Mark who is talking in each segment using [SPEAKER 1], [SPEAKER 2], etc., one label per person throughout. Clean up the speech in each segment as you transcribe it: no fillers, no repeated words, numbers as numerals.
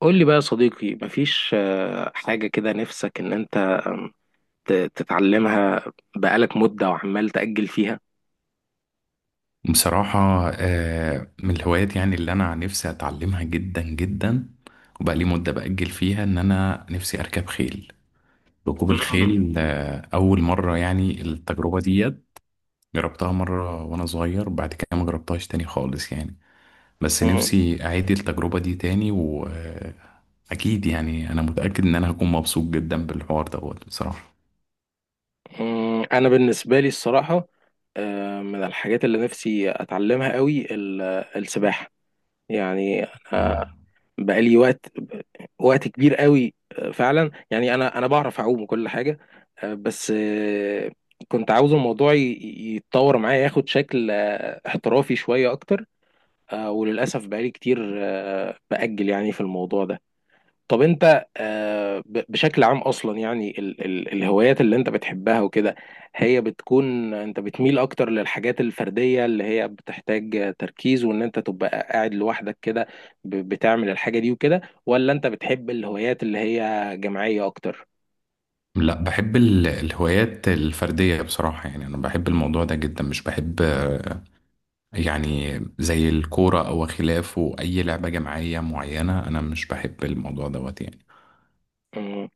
[SPEAKER 1] قول لي بقى يا صديقي مفيش حاجة كده نفسك إن أنت تتعلمها بقالك مدة وعمال تأجل فيها.
[SPEAKER 2] بصراحة، من الهوايات يعني اللي أنا نفسي أتعلمها جدا جدا. وبقى لي مدة بأجل فيها إن أنا نفسي أركب خيل، ركوب
[SPEAKER 1] مم.
[SPEAKER 2] الخيل. أول مرة يعني التجربة ديت جربتها مرة وأنا صغير، بعد كده ما جربتهاش تاني خالص يعني. بس
[SPEAKER 1] مم.
[SPEAKER 2] نفسي أعيد التجربة دي تاني، وأكيد يعني أنا متأكد إن أنا هكون مبسوط جدا بالحوار دوت بصراحة.
[SPEAKER 1] مم. أنا بالنسبة لي الصراحة من الحاجات اللي نفسي أتعلمها قوي السباحة. يعني أنا
[SPEAKER 2] مم.
[SPEAKER 1] بقالي وقت وقت كبير قوي فعلا. يعني أنا بعرف أعوم وكل حاجة، بس كنت عاوز الموضوع يتطور معايا، ياخد شكل احترافي شوية أكتر. وللأسف بقالي كتير بأجل يعني في الموضوع ده. طب أنت بشكل عام أصلا، يعني ال الهوايات اللي أنت بتحبها وكده، هي بتكون أنت بتميل أكتر للحاجات الفردية اللي هي بتحتاج تركيز وإن أنت تبقى قاعد لوحدك كده، بتعمل الحاجة دي وكده، ولا أنت بتحب الهوايات اللي هي جماعية أكتر؟
[SPEAKER 2] لا، بحب الهوايات الفردية بصراحة، يعني أنا بحب الموضوع ده جدا، مش بحب يعني زي الكورة أو خلافه أي لعبة جماعية معينة، أنا مش بحب الموضوع دوت يعني.
[SPEAKER 1] مم.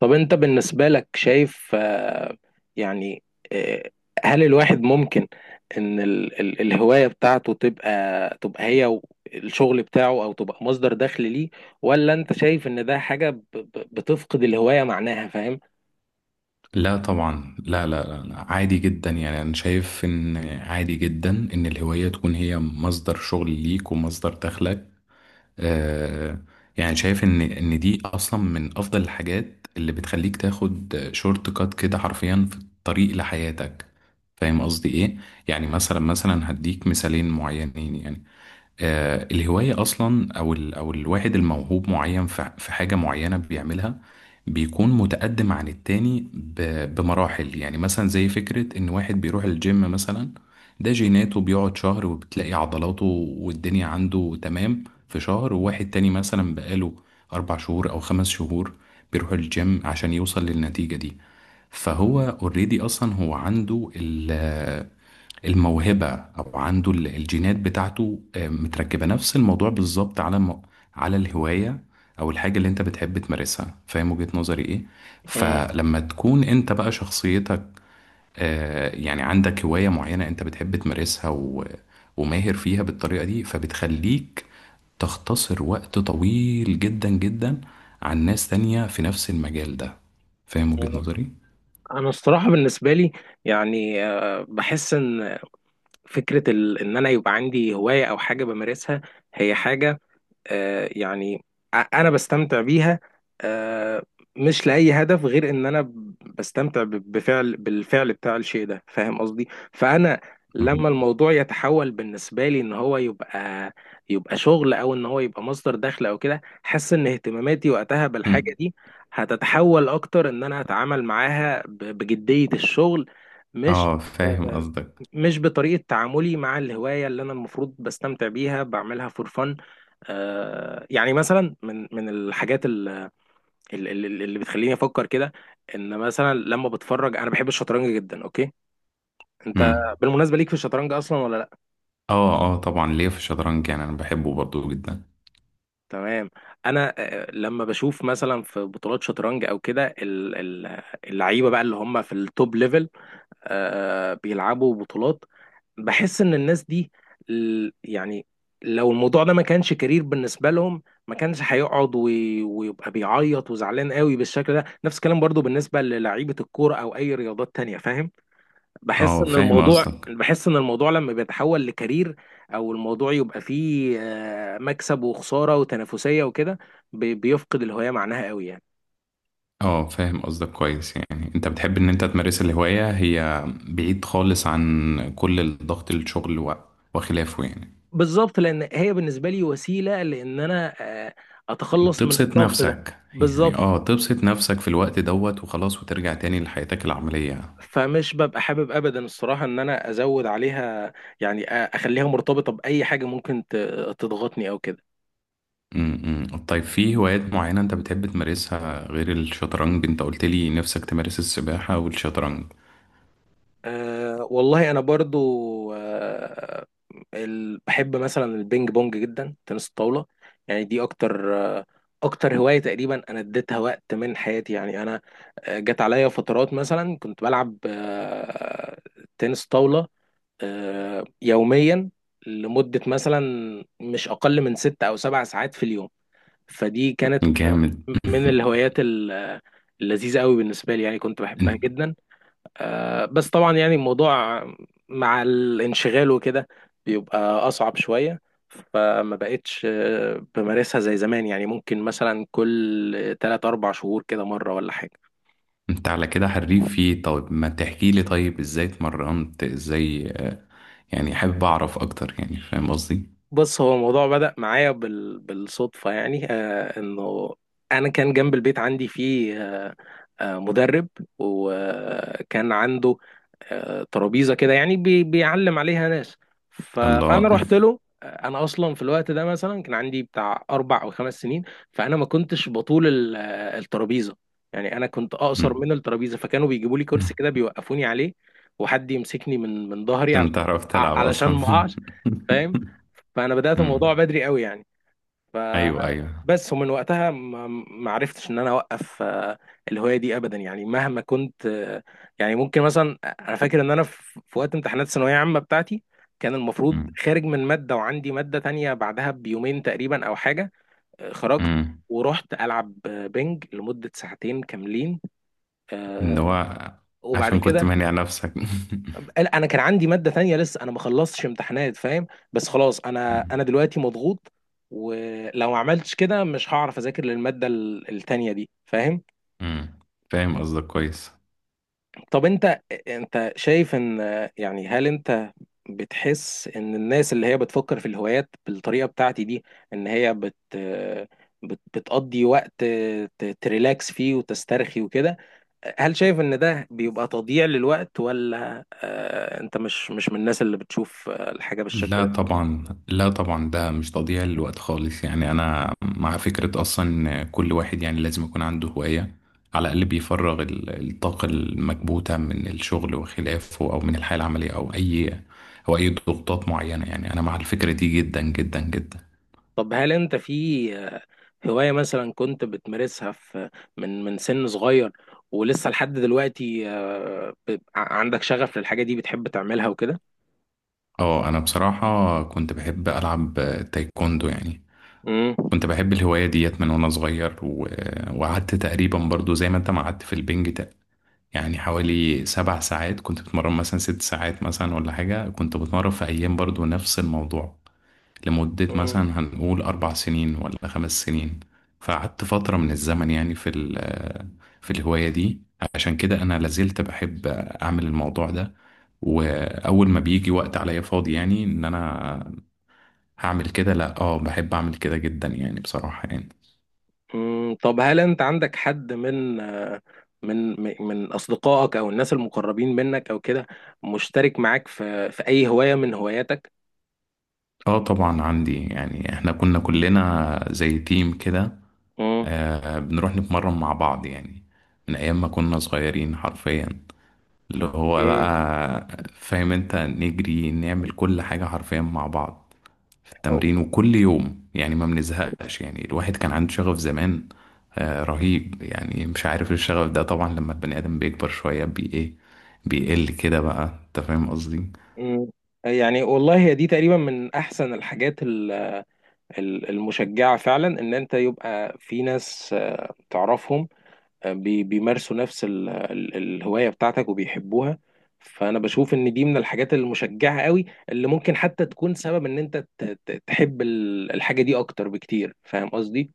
[SPEAKER 1] طب انت بالنسبة لك شايف يعني آه، هل الواحد ممكن ان ال الهواية بتاعته تبقى، تبقى هي و- الشغل بتاعه، او تبقى مصدر دخل ليه، ولا انت شايف ان ده حاجة بتفقد الهواية معناها، فاهم؟
[SPEAKER 2] لا طبعا، لا لا لا لا. عادي جدا، يعني أنا شايف إن عادي جدا إن الهواية تكون هي مصدر شغل ليك ومصدر دخلك. آه يعني شايف إن دي أصلا من أفضل الحاجات اللي بتخليك تاخد شورت كات كده حرفيا في الطريق لحياتك. فاهم قصدي إيه؟ يعني مثلا هديك مثالين معينين يعني. الهواية أصلا أو ال أو الواحد الموهوب معين في حاجة معينة بيعملها، بيكون متقدم عن التاني بمراحل. يعني مثلا زي فكرة إن واحد بيروح الجيم مثلا ده جيناته بيقعد شهر وبتلاقي عضلاته والدنيا عنده تمام في شهر، وواحد تاني مثلا بقاله 4 شهور أو 5 شهور بيروح الجيم عشان يوصل للنتيجة دي. فهو اوريدي أصلا هو عنده الموهبة، أو عنده الجينات بتاعته متركبة نفس الموضوع بالظبط على على الهواية أو الحاجة اللي أنت بتحب تمارسها. فاهم وجهة نظري إيه؟
[SPEAKER 1] مم.
[SPEAKER 2] فلما تكون أنت بقى شخصيتك، يعني عندك هواية معينة أنت بتحب تمارسها وماهر فيها بالطريقة دي، فبتخليك تختصر وقت طويل جدا جدا عن ناس تانية في نفس المجال ده. فاهم وجهة
[SPEAKER 1] مم.
[SPEAKER 2] نظري؟
[SPEAKER 1] انا الصراحة بالنسبة لي يعني بحس ان فكرة ان انا يبقى عندي هواية او حاجة بمارسها، هي حاجة يعني انا بستمتع بيها آه، مش لاي هدف، غير ان انا بستمتع ب- بفعل بالفعل بتاع الشيء ده، فاهم قصدي؟ فانا
[SPEAKER 2] مم.
[SPEAKER 1] لما الموضوع يتحول بالنسبه لي ان هو يبقى، يبقى شغل، او ان هو يبقى مصدر دخل او كده، حاسس ان اهتماماتي وقتها
[SPEAKER 2] مم.
[SPEAKER 1] بالحاجه دي هتتحول اكتر، ان انا اتعامل معاها بجديه الشغل. مش
[SPEAKER 2] اه، فاهم
[SPEAKER 1] آه،
[SPEAKER 2] قصدك.
[SPEAKER 1] مش بطريقه تعاملي مع الهوايه اللي انا المفروض بستمتع بيها، بعملها فور فن. يعني مثلا من الحاجات اللي بتخليني افكر كده، ان مثلا لما بتفرج، انا بحب الشطرنج جدا. اوكي، انت
[SPEAKER 2] مم.
[SPEAKER 1] بالمناسبه ليك في الشطرنج اصلا ولا لا؟
[SPEAKER 2] اه اه، طبعا ليا في الشطرنج، يعني انا بحبه برضو جدا.
[SPEAKER 1] تمام. انا لما بشوف مثلا في بطولات شطرنج او كده، اللعيبه بقى اللي هم في التوب ليفل بيلعبوا بطولات، بحس ان الناس دي يعني لو الموضوع ده ما كانش كارير بالنسبه لهم، ما كانش هيقعد ويبقى بيعيط وزعلان قوي بالشكل ده. نفس الكلام برضو بالنسبه للعيبه الكوره او اي رياضات تانية، فاهم؟ بحس
[SPEAKER 2] اه،
[SPEAKER 1] ان
[SPEAKER 2] فاهم
[SPEAKER 1] الموضوع،
[SPEAKER 2] قصدك.
[SPEAKER 1] لما بيتحول لكارير، او الموضوع يبقى فيه مكسب وخساره وتنافسيه وكده، بيفقد الهويه معناها قوي يعني.
[SPEAKER 2] اه، فاهم قصدك كويس. يعني انت بتحب ان انت تمارس الهواية هي بعيد خالص عن كل الضغط، الشغل وخلافه يعني.
[SPEAKER 1] بالظبط، لان هي بالنسبه لي وسيله لان انا آه، اتخلص من
[SPEAKER 2] تبسط
[SPEAKER 1] الضغط ده
[SPEAKER 2] نفسك يعني،
[SPEAKER 1] بالظبط.
[SPEAKER 2] اه، تبسط نفسك في الوقت دوت وخلاص، وترجع تاني لحياتك العملية.
[SPEAKER 1] فمش ببقى حابب ابدا الصراحه ان انا ازود عليها، يعني اخليها مرتبطه باي حاجه ممكن تضغطني او كده.
[SPEAKER 2] م -م. طيب، في هوايات معينة انت بتحب تمارسها غير الشطرنج؟ انت قلت لي نفسك تمارس السباحة والشطرنج.
[SPEAKER 1] أه والله انا برضو بحب مثلا البينج بونج جدا، تنس الطاوله. يعني دي اكتر، اكتر هوايه تقريبا انا اديتها وقت من حياتي. يعني انا جت عليا فترات مثلا كنت بلعب تنس طاوله يوميا، لمده مثلا مش اقل من ست او سبع ساعات في اليوم. فدي كانت
[SPEAKER 2] جامد.
[SPEAKER 1] من الهوايات اللذيذة قوي بالنسبة لي، يعني كنت بحبها جدا. بس طبعا يعني الموضوع مع الانشغال وكده بيبقى أصعب شوية، فما بقتش بمارسها زي زمان، يعني ممكن مثلا كل 3 4 شهور كده مرة ولا حاجة.
[SPEAKER 2] انت على كده حريف فيه. طيب، ما تحكي لي طيب ازاي اتمرنت؟ ازاي يعني حابب اعرف اكتر يعني، فاهم قصدي؟
[SPEAKER 1] بص، هو الموضوع بدأ معايا بالصدفة، يعني انه انا كان جنب البيت عندي فيه مدرب، وكان عنده ترابيزة كده يعني بيعلم عليها ناس. فانا
[SPEAKER 2] الله.
[SPEAKER 1] رحت له. انا اصلا في الوقت ده مثلا كان عندي بتاع اربع او خمس سنين، فانا ما كنتش بطول ال... آه، الترابيزة، يعني انا كنت اقصر
[SPEAKER 2] مم.
[SPEAKER 1] من الترابيزة، فكانوا بيجيبوا لي كرسي كده بيوقفوني عليه، وحد يمسكني من ظهري
[SPEAKER 2] عشان
[SPEAKER 1] علشان
[SPEAKER 2] تعرف تلعب
[SPEAKER 1] علشان
[SPEAKER 2] اصلا.
[SPEAKER 1] ما اقعش، فاهم. فانا بدات الموضوع
[SPEAKER 2] مم.
[SPEAKER 1] بدري قوي يعني. ف
[SPEAKER 2] ايوه ايوه.
[SPEAKER 1] بس ومن وقتها ما عرفتش ان انا اوقف الهوايه دي ابدا، يعني مهما كنت يعني ممكن مثلا، انا فاكر ان انا في وقت امتحانات الثانويه العامه بتاعتي، كان المفروض
[SPEAKER 2] مم.
[SPEAKER 1] خارج من ماده وعندي ماده تانية بعدها بيومين تقريبا او حاجه، خرجت
[SPEAKER 2] مم.
[SPEAKER 1] ورحت العب بينج لمده ساعتين كاملين،
[SPEAKER 2] ان هو
[SPEAKER 1] وبعد
[SPEAKER 2] عشان كنت
[SPEAKER 1] كده،
[SPEAKER 2] مانع نفسك.
[SPEAKER 1] لا انا كان عندي ماده تانية لسه، انا ما خلصتش امتحانات فاهم، بس خلاص انا
[SPEAKER 2] مم.
[SPEAKER 1] انا دلوقتي مضغوط، ولو ما عملتش كده مش هعرف اذاكر للماده التانية دي، فاهم.
[SPEAKER 2] مم. فاهم قصدك كويس.
[SPEAKER 1] طب انت، انت شايف ان، يعني هل انت بتحس ان الناس اللي هي بتفكر في الهوايات بالطريقه بتاعتي دي، ان هي بتقضي وقت تريلاكس فيه وتسترخي وكده، هل شايف ان ده بيبقى تضييع للوقت، ولا انت مش من الناس اللي بتشوف الحاجه
[SPEAKER 2] لا
[SPEAKER 1] بالشكل
[SPEAKER 2] طبعا، لا طبعا، ده مش تضييع للوقت خالص يعني. انا مع فكرة اصلا إن كل واحد يعني لازم يكون عنده هواية، على الاقل بيفرغ الطاقة المكبوتة من الشغل وخلافه، او من الحياة العملية، او اي ضغوطات معينة. يعني انا مع الفكرة دي جدا جدا جدا.
[SPEAKER 1] طب هل انت في آه، هواية مثلا كنت بتمارسها من من سن صغير ولسه لحد دلوقتي عندك شغف للحاجة دي، بتحب تعملها وكده؟
[SPEAKER 2] اه، انا بصراحة كنت بحب العب تايكوندو يعني،
[SPEAKER 1] مم.
[SPEAKER 2] كنت بحب الهواية ديت من وانا صغير وقعدت تقريبا برضو زي ما انت ما قعدت في البنج، يعني حوالي 7 ساعات كنت بتمرن، مثلا 6 ساعات مثلا ولا حاجة كنت بتمرن في أيام برضو نفس الموضوع، لمدة
[SPEAKER 1] مم.
[SPEAKER 2] مثلا هنقول 4 سنين ولا 5 سنين. فقعدت فترة من الزمن يعني في الهواية دي، عشان كده أنا لازلت بحب أعمل الموضوع ده. وأول ما بيجي وقت عليا فاضي يعني إن أنا هعمل كده، لأ، آه، بحب أعمل كده جدا يعني بصراحة يعني.
[SPEAKER 1] مم. طب هل انت عندك حد من من اصدقائك او الناس المقربين منك او كده، مشترك معاك في اي هواية من هواياتك؟
[SPEAKER 2] اه طبعا عندي، يعني احنا كنا كلنا زي تيم كده.
[SPEAKER 1] مم.
[SPEAKER 2] آه، بنروح نتمرن مع بعض يعني، من أيام ما كنا صغيرين حرفيا، اللي هو
[SPEAKER 1] اوكي.
[SPEAKER 2] بقى فاهم انت نجري نعمل كل حاجة حرفيا مع بعض في
[SPEAKER 1] أو-
[SPEAKER 2] التمرين، وكل يوم يعني ما بنزهقش. يعني الواحد كان عنده شغف زمان، آه، رهيب. يعني مش عارف إيه الشغف ده. طبعا لما البني آدم بيكبر شوية بي ايه بيقل كده بقى. انت فاهم قصدي؟
[SPEAKER 1] مم. يعني والله هي دي تقريبا من احسن الحاجات المشجعة فعلا، ان انت يبقى في ناس تعرفهم بيمارسوا نفس الهواية بتاعتك وبيحبوها. فانا بشوف ان دي من الحاجات المشجعة قوي اللي ممكن حتى تكون سبب ان انت تحب الحاجة دي اكتر بكتير، فاهم قصدي؟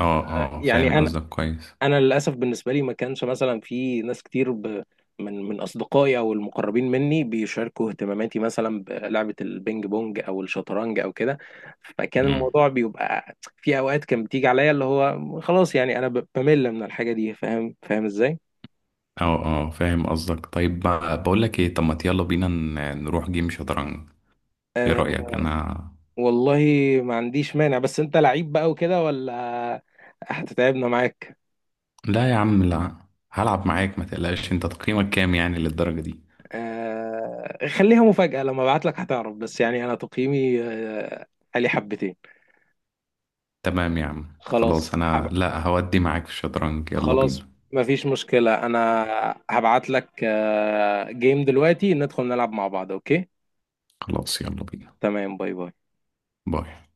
[SPEAKER 2] اه اه،
[SPEAKER 1] يعني
[SPEAKER 2] فاهم قصدك كويس.
[SPEAKER 1] انا للاسف بالنسبه لي ما كانش مثلا في ناس كتير من اصدقائي او المقربين مني بيشاركوا اهتماماتي مثلا بلعبه البينج بونج او الشطرنج او كده، فكان
[SPEAKER 2] مم.
[SPEAKER 1] الموضوع بيبقى في اوقات كان بتيجي عليا اللي هو خلاص، يعني انا بمل من الحاجه دي، فاهم؟ فاهم ازاي؟
[SPEAKER 2] اه اه، فاهم قصدك. طيب بقى، بقول لك ايه، طب ما يلا بينا نروح جيم شطرنج. ايه
[SPEAKER 1] أه
[SPEAKER 2] رأيك؟ انا.
[SPEAKER 1] والله ما عنديش مانع، بس انت لعيب بقى وكده ولا هتتعبنا معاك؟
[SPEAKER 2] لا يا عم لا، هلعب معاك ما تقلقش. انت تقييمك كام يعني للدرجة دي؟
[SPEAKER 1] أه خليها مفاجاه، لما ابعت لك هتعرف، بس يعني انا تقييمي عالي حبتين.
[SPEAKER 2] تمام يا عم،
[SPEAKER 1] خلاص،
[SPEAKER 2] خلاص انا لا هودي معاك في الشطرنج. يلا
[SPEAKER 1] خلاص،
[SPEAKER 2] بينا.
[SPEAKER 1] مفيش مشكلة، أنا هبعت لك جيم دلوقتي، ندخل نلعب مع بعض، أوكي؟
[SPEAKER 2] خلاص، يلا بينا.
[SPEAKER 1] تمام، باي باي.
[SPEAKER 2] باي.